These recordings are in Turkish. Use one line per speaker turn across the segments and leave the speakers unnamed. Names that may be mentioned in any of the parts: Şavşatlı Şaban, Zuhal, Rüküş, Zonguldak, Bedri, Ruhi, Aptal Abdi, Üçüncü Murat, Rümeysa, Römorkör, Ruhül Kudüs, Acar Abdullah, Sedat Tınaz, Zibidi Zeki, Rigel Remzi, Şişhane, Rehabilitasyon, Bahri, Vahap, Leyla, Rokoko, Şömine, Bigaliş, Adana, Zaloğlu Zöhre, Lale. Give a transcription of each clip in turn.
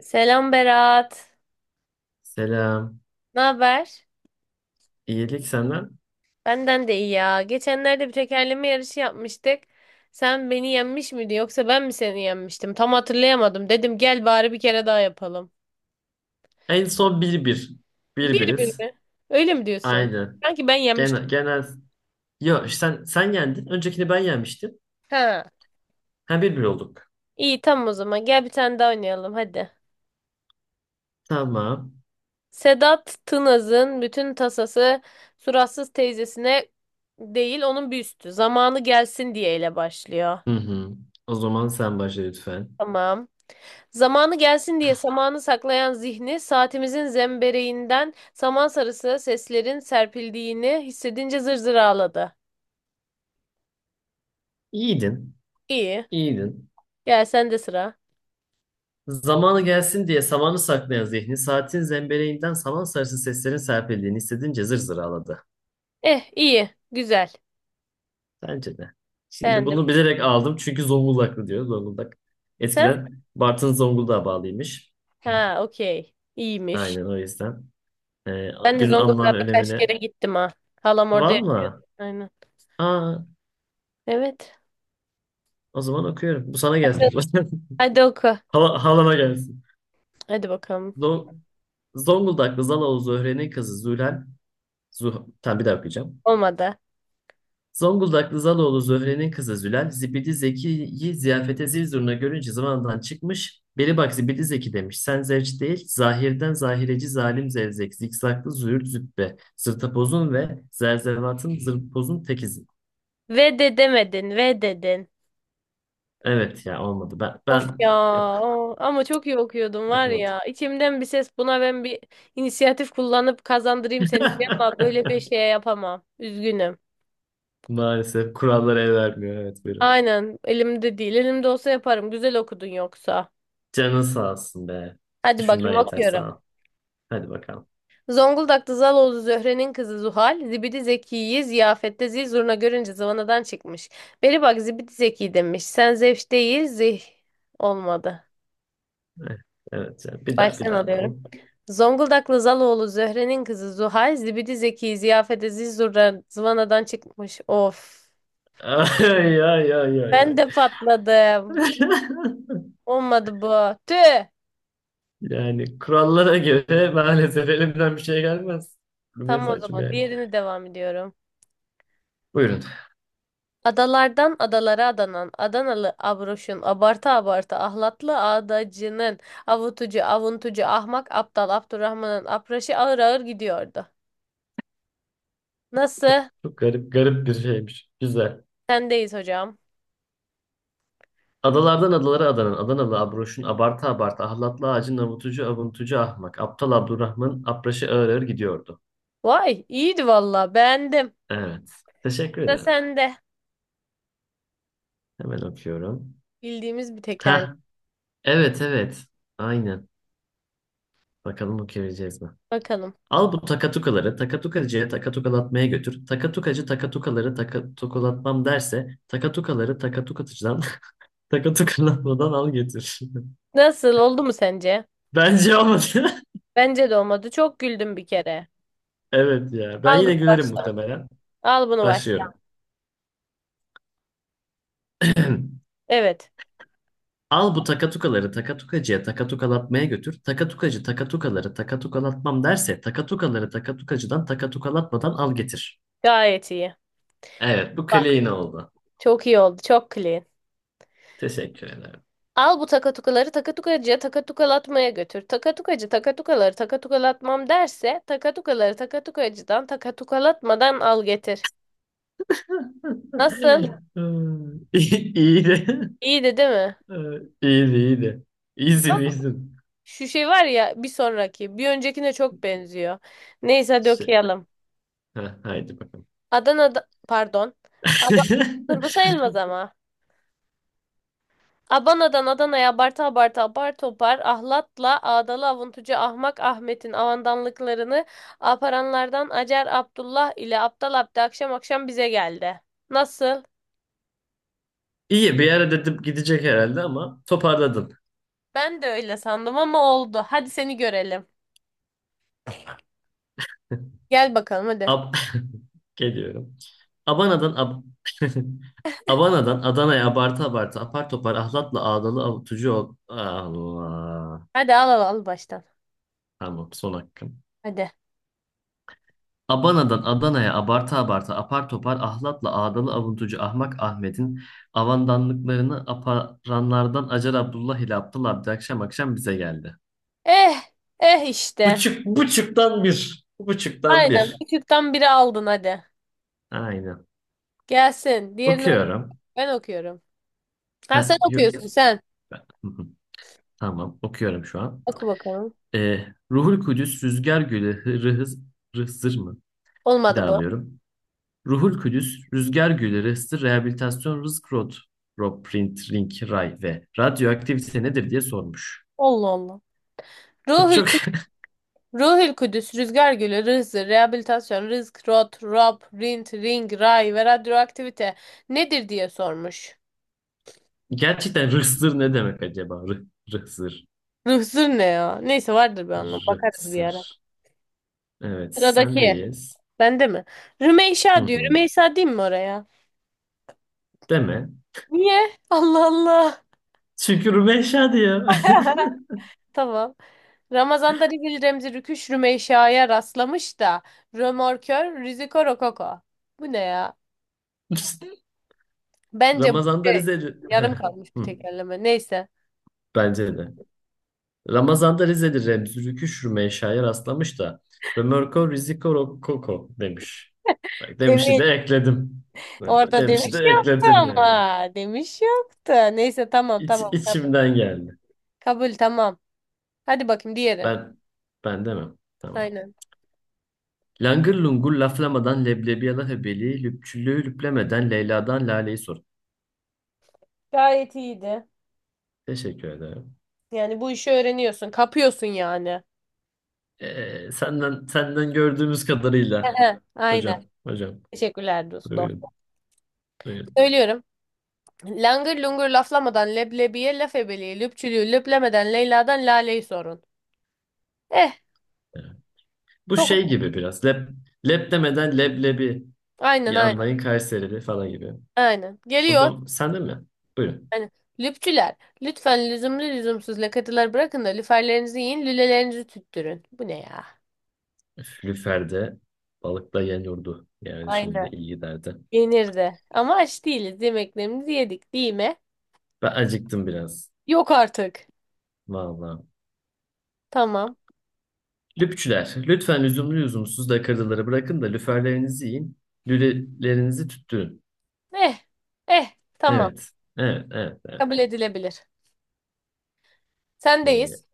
Selam Berat.
Selam.
Ne haber?
İyilik senden.
Benden de iyi ya. Geçenlerde bir tekerleme yarışı yapmıştık. Sen beni yenmiş miydin yoksa ben mi seni yenmiştim? Tam hatırlayamadım. Dedim gel bari bir kere daha yapalım.
En son bir bir bir
Bir gün
biriz.
mü? Öyle mi diyorsun?
Aynen.
Sanki ben yenmiştim.
Genel, genel. Yo sen yendin. Öncekini ben yenmiştim.
Ha.
Ha bir bir olduk.
İyi, tamam o zaman. Gel bir tane daha oynayalım hadi.
Tamam.
Sedat Tınaz'ın bütün tasası suratsız teyzesine değil, onun bir Zamanı gelsin diye ile başlıyor.
Hı hı. O zaman sen başla lütfen.
Tamam. Zamanı gelsin diye samanı saklayan zihni, saatimizin zembereğinden saman sarısı seslerin serpildiğini hissedince zır zır ağladı.
İyiydin.
İyi.
İyiydin.
Gel sen de sıra.
Zamanı gelsin diye samanı saklayan zihni saatin zembeleğinden saman sarısı seslerin serpildiğini hissedince zır zır ağladı.
Eh, iyi. Güzel.
Bence de. Şimdi
Beğendim.
bunu bilerek aldım çünkü Zonguldaklı diyor. Zonguldak.
Sen?
Eskiden Bartın Zonguldak'a bağlıymış.
Ha, okey. İyiymiş.
Aynen o yüzden.
Ben de
Günün anlam ve
Zonguldak'a kaç kere
önemine.
gittim ha. Halam yaşıyor.
Valla.
Aynen.
Aa,
Evet.
o zaman okuyorum. Bu sana gelsin.
Hadi oku.
Halama gelsin.
Hadi bakalım.
Zo- Zonguldaklı Zaloğlu Zöhre'nin kızı Zülal. Zuh tamam, bir daha okuyacağım.
Olmadı.
Zonguldaklı Zaloğlu Zöhre'nin kızı Zülal, Zibidi Zeki'yi ziyafete zil zurna görünce zamandan çıkmış. Beli bak Zibidi Zeki demiş. Sen zevç değil, zahirden zahireci zalim zevzek, zikzaklı züğürt züppe, zırtapozun ve zerzevatın zırtpozun tekizi.
Ve de demedin. Ve dedin.
Evet ya, olmadı. Ben,
Of
ben
ya,
yok,
ama çok iyi okuyordum var
yapamadım.
ya. İçimden bir ses, buna ben bir inisiyatif kullanıp kazandırayım seni diye, ama böyle bir şey yapamam. Üzgünüm.
Maalesef kurallara el vermiyor. Evet, buyurun.
Aynen, elimde değil. Elimde olsa yaparım. Güzel okudun yoksa.
Canın sağ olsun be.
Hadi
Düşünmen
bakayım
yeter
okuyorum.
sana. Hadi bakalım.
Zonguldak'ta Zaloğlu Zöhre'nin kızı Zuhal, Zibidi Zeki'yi ziyafette zil zurna görünce zıvanadan çıkmış. Beri bak Zibidi Zeki demiş. Sen zevş değil, olmadı.
Eh, evet canım. Bir daha, bir
Baştan
daha
alıyorum.
alalım.
Zonguldaklı Zaloğlu Zöhre'nin kızı Zuhal, Zibidi Zeki, Ziyafete Zizur'a zıvanadan çıkmış. Of.
Ay ay ay ay
Ben
ay.
de patladım. Olmadı bu. Tüh.
Yani kurallara göre maalesef elimden bir şey gelmez.
Tamam,
Rümeysa
o
saçım
zaman
yani.
diğerini devam ediyorum.
Buyurun.
Adalardan adalara adanan Adanalı abroşun, abartı abartı ahlatlı adacının, avutucu, avuntucu, ahmak, aptal, Abdurrahman'ın apraşı ağır ağır gidiyordu. Nasıl?
Çok garip garip bir şeymiş. Güzel.
Sendeyiz hocam.
Adalardan adalara adanan Adanalı Abroş'un abarta abarta ahlatlı ağacın avutucu avuntucu ahmak. Aptal Abdurrahman apraşı ağır ağır gidiyordu.
Vay, iyiydi valla, beğendim.
Evet. Teşekkür
Da
ederim.
sende.
Hemen okuyorum.
Bildiğimiz bir tekerlek.
Ha, evet evet. Aynen. Bakalım okuyabileceğiz mi?
Bakalım.
Al bu takatukaları takatukacıya takatukalatmaya götür. Takatukacı takatukaları takatukalatmam derse takatukaları takatukatıcıdan takatukalatmadan al götür.
Nasıl, oldu mu sence?
Bence olmadı.
Bence de olmadı. Çok güldüm bir kere.
Evet ya. Ben
Al bunu
yine gülerim
baştan.
muhtemelen.
Al bunu baştan.
Başlıyorum.
Evet.
Al bu takatukaları takatukacıya takatukalatmaya götür. Takatukacı takatukaları takatukalatmam derse takatukaları takatukacıdan takatukalatmadan al getir.
Gayet iyi.
Evet, bu
Bak,
clean oldu.
çok iyi oldu. Çok clean.
Teşekkür ederim.
Al bu takatukaları takatukacıya takatukalatmaya götür. Takatukacı takatukaları takatukalatmam derse takatukaları takatukacıdan takatukalatmadan al getir. Nasıl?
Hmm, İyi iyiydi.
İyiydi değil mi?
İyiydi, iyiydi.
Ya,
İyisin, iyisin.
şu şey var ya bir sonraki. Bir öncekine çok benziyor. Neyse hadi
Şey,
okuyalım.
ha, haydi bakalım.
Adana'da, pardon. Ad- Dur, bu sayılmaz ama. Abana'dan Adana'ya abarta abarta apar topar ahlatla ağdalı avuntucu ahmak Ahmet'in avandanlıklarını aparanlardan Acar Abdullah ile Aptal Abdi akşam akşam bize geldi. Nasıl?
İyi, bir ara dedim gidecek herhalde ama toparladın.
Ben de öyle sandım ama oldu. Hadi seni görelim. Gel bakalım hadi.
Ab Geliyorum. Abana'dan Abana'dan Adana'ya abartı abartı apar topar ahlatla ağdalı avutucu ol. Allah.
Hadi al al al baştan.
Tamam, son hakkım.
Hadi.
Abana'dan Adana'ya abarta abarta apar topar ahlatla ağdalı avuntucu ahmak Ahmet'in avandanlıklarını aparanlardan Acar Abdullah ile Abdullah Abdi akşam akşam bize geldi.
Eh, eh işte.
Buçuk, buçuktan bir. Buçuktan
Aynen,
bir.
küçükten biri aldın hadi.
Aynen.
Gelsin. Diğerini oku.
Okuyorum.
Ben okuyorum. Ha,
Ha,
sen okuyorsun sen.
tamam, okuyorum şu an.
Oku bakalım.
Ruhul Kudüs, Rüzgar Gülü, Hırhız Rızır mı? Bir daha
Olmadı bu.
alıyorum. Ruhul Kudüs, Rüzgar Gülleri, Hısır Rehabilitasyon Rızk Rod, Rob Print, Ring, Ray ve radyoaktivite nedir diye sormuş.
Allah Allah.
Bu
Ruhül
çok.
Ruhül Kudüs, Rüzgar Gölü, Rızı, Rehabilitasyon, Rızk, Rot, Rob, Rint, Ring, Ray ve Radyoaktivite nedir diye sormuş.
Gerçekten rıhsır ne demek acaba? Rıhsır,
Rızır ne ya? Neyse, vardır bir anlamı. Bakarız bir
rıhsır.
ara.
Evet,
Sıradaki.
sendeyiz.
Bende mi?
Hı
Rümeysa diyor.
hı.
Rümeysa diyeyim mi oraya?
Deme.
Niye? Allah Allah.
Şükür Meşa diyor.
Tamam. Ramazan'da Rigel Remzi Rüküş Rümeysa'ya rastlamış da Römorkör Riziko Rokoko. Bu ne ya? Bence bu
Ramazan'da
şey,
Rize'li. Heh,
yarım kalmış bir
hı.
tekerleme. Neyse.
Bence de. Ramazan'da Rize'li Remzi Şürme'ye şair rastlamış da Römorko Riziko Rokoko demiş. Bak, demişi
Evet.
de ekledim. Yani
Orada
demişi de
demiş yoktu
ekledim
ama.
yani.
Demiş yoktu. Neyse, tamam tamam, kabul.
İçimden geldi.
Kabul, tamam. Hadi bakayım diğeri.
Ben ben demem. Tamam.
Aynen.
Langır lungur laflamadan leblebiyalı hebeli, lüpçülüğü lüplemeden Leyla'dan Lale'yi sor.
Gayet iyiydi.
Teşekkür ederim.
Yani bu işi öğreniyorsun. Kapıyorsun yani.
Senden gördüğümüz kadarıyla
Ehe, aynen.
hocam hocam,
Teşekkürler dostum.
buyurun buyurun.
Söylüyorum. Langır lungur laflamadan leblebiye, laf ebeliği, lüpçülüğü lüplemeden Leyla'dan Lale'yi sorun. Eh,
Evet. Bu şey
çok
gibi biraz, lep demeden leblebi.
aynen, aynen,
Yanlayın Kayserili falan gibi.
aynen.
O
Geliyor.
zaman sen de mi? Buyurun.
Aynen. Lüpçüler, lütfen lüzumlu lüzumsuz lakatılar bırakın da lüferlerinizi yiyin, lülelerinizi tüttürün. Bu ne ya?
Lüfer'de balıkla yan yurdu. Yani şimdi
Aynen.
iyi giderdi.
Yenirdi. Ama aç değiliz. Yemeklerimizi yedik değil mi?
Ben acıktım biraz.
Yok artık.
Vallahi.
Tamam.
Lüpçüler, lütfen lüzumlu lüzumsuz dakikaları bırakın da lüferlerinizi yiyin. Lülelerinizi tüttürün.
Eh. Eh. Tamam.
Evet. Evet, evet, evet.
Kabul edilebilir.
Ee,
Sendeyiz.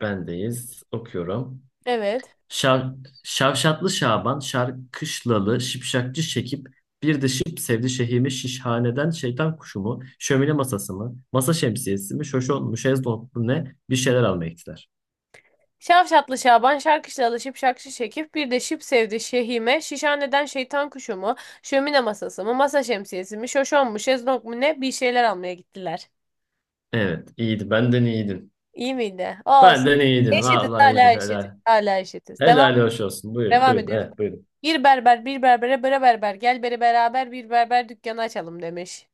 Bendeyiz. Okuyorum.
Evet.
Şav, Şavşatlı Şaban, Şarkışlalı, Şipşakçı Şekip, bir de Şıp sevdi şehimi şişhaneden şeytan kuşu mu, şömine masası mı, masa şemsiyesi mi, şoşon mu, şezlong mu ne, bir şeyler almaya gittiler.
Şavşatlı Şaban şarkışla alışıp şakşı çekip bir de şıp sevdi şehime. Şişhaneden şeytan kuşu mu? Şömine masası mı? Masa şemsiyesi mi? Şoşon mu? Şezlong mu ne? Bir şeyler almaya gittiler.
Evet, iyiydi. Benden iyiydin.
İyi miydi? Olsun.
Benden iyiydin.
Eşitiz,
Vallahi
hala
iyiydin.
eşitiz.
Helal.
Hala eşitiz. Devam,
Helal hoş olsun. Buyurun,
devam
buyurun.
ediyoruz.
Evet, buyurun.
Bir berber bir berbere bre berber gel beri beraber bir berber dükkanı açalım demiş.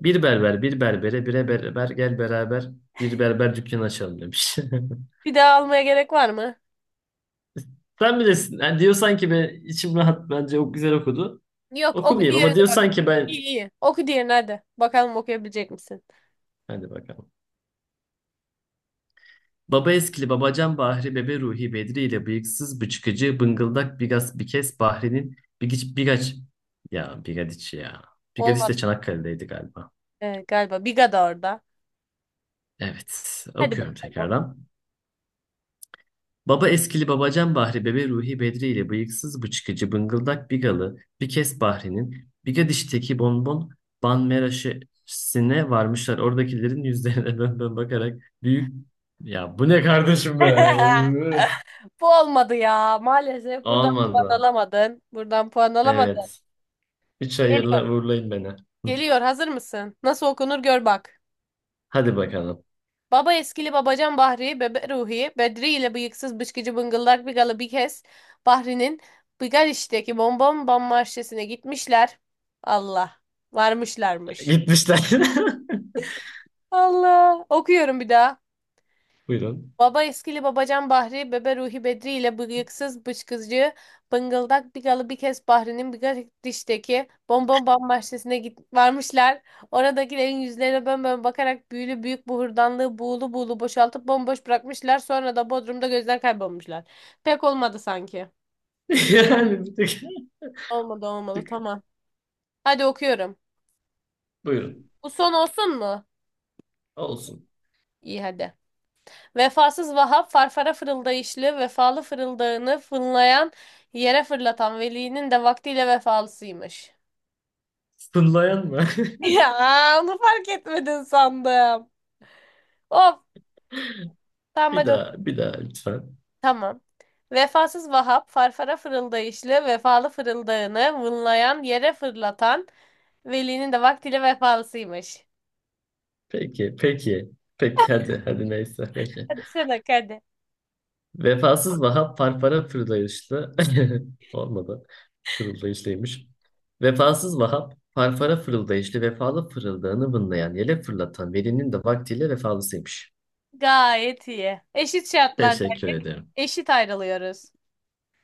Bir berber, bir berbere, bire berber, gel beraber bir berber dükkanı açalım demiş.
Bir daha almaya gerek var mı?
Sen bilirsin. Yani diyor sanki ben, içim rahat, bence o güzel okudu.
Yok, oku
Okumayayım ama
diğerini
diyor
bak.
sanki
İyi
ben.
iyi. Oku diğerini hadi. Bakalım okuyabilecek misin?
Hadi bakalım. Baba eskili babacan Bahri bebe Ruhi Bedri ile bıyıksız bıçkıcı bıngıldak bigas bikes Bahri'nin bigiç bigaç ya bigadiç ya. Bigadiç
Olmadı.
de Çanakkale'deydi galiba.
Galiba. Biga da orada.
Evet,
Hadi
okuyorum
bakalım oku.
tekrardan. Baba eskili babacan Bahri bebe Ruhi Bedri ile bıyıksız bıçkıcı bıngıldak bigalı bikes Bahri'nin bigadişteki bonbon banmeraşesine varmışlar. Oradakilerin yüzlerine dön dön bakarak büyük, ya bu ne kardeşim be?
Bu olmadı ya. Maalesef buradan puan
Olmadı.
alamadın. Buradan puan alamadın.
Evet. Üç
Geliyor.
hayırla uğurlayın beni. Hı.
Geliyor. Hazır mısın? Nasıl okunur gör bak.
Hadi bakalım.
Baba eskili babacan Bahri, bebe Ruhi, Bedri ile bıyıksız bışkıcı bıngıllak bigalı bir kez Bahri'nin Bigaliş'teki Bonbon Bam Marşesi'ne gitmişler. Allah. Varmışlarmış.
Gitmişler.
Allah. Okuyorum bir daha.
Buyurun.
Baba eskili babacan Bahri, bebe Ruhi Bedri ile bıyıksız bıçkızcı, bıngıldak Bigalı bir kez Bahri'nin bir dişteki bonbon bam bahçesine varmışlar. Oradakilerin yüzlerine bönbön bakarak büyülü büyük bu hurdanlığı buğulu buğulu boşaltıp bomboş bırakmışlar. Sonra da Bodrum'da gözler kaybolmuşlar. Pek olmadı sanki.
Yani bir tık,
Olmadı,
bir
olmadı,
tık.
tamam. Hadi okuyorum.
Buyurun.
Bu son olsun mu?
Olsun.
İyi, hadi. Vefasız Vahap farfara fırıldayışlı, vefalı fırıldağını fınlayan, yere fırlatan velinin de vaktiyle vefalısıymış.
Sınlayan mı?
Ya, onu fark etmedin sandım. Of, tamam
Bir
hadi oku.
daha, bir daha lütfen.
Tamam. Vefasız Vahap farfara fırıldayışlı, vefalı fırıldağını vınlayan, yere fırlatan, velinin de vaktiyle vefalısıymış.
Peki, peki. Peki hadi, hadi neyse. Peki.
Hadi sen hadi.
Vefasız Vahap parpara fırlayışlı. Olmadı. Fırıldayışlıymış. Vefasız Vahap parpara fırıldayışlı vefalı fırıldağını vınlayan yele fırlatan velinin de vaktiyle vefalısıymış.
Gayet iyi. Eşit şartlarda
Teşekkür ederim.
eşit ayrılıyoruz.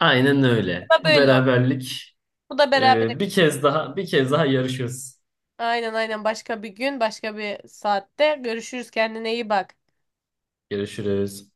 Aynen
Bu
öyle.
da
Bu
böyle oldu.
beraberlik,
Bu da beraber.
bir kez daha, bir kez daha yarışıyoruz.
Aynen, aynen, başka bir gün başka bir saatte görüşürüz, kendine iyi bak.
Görüşürüz.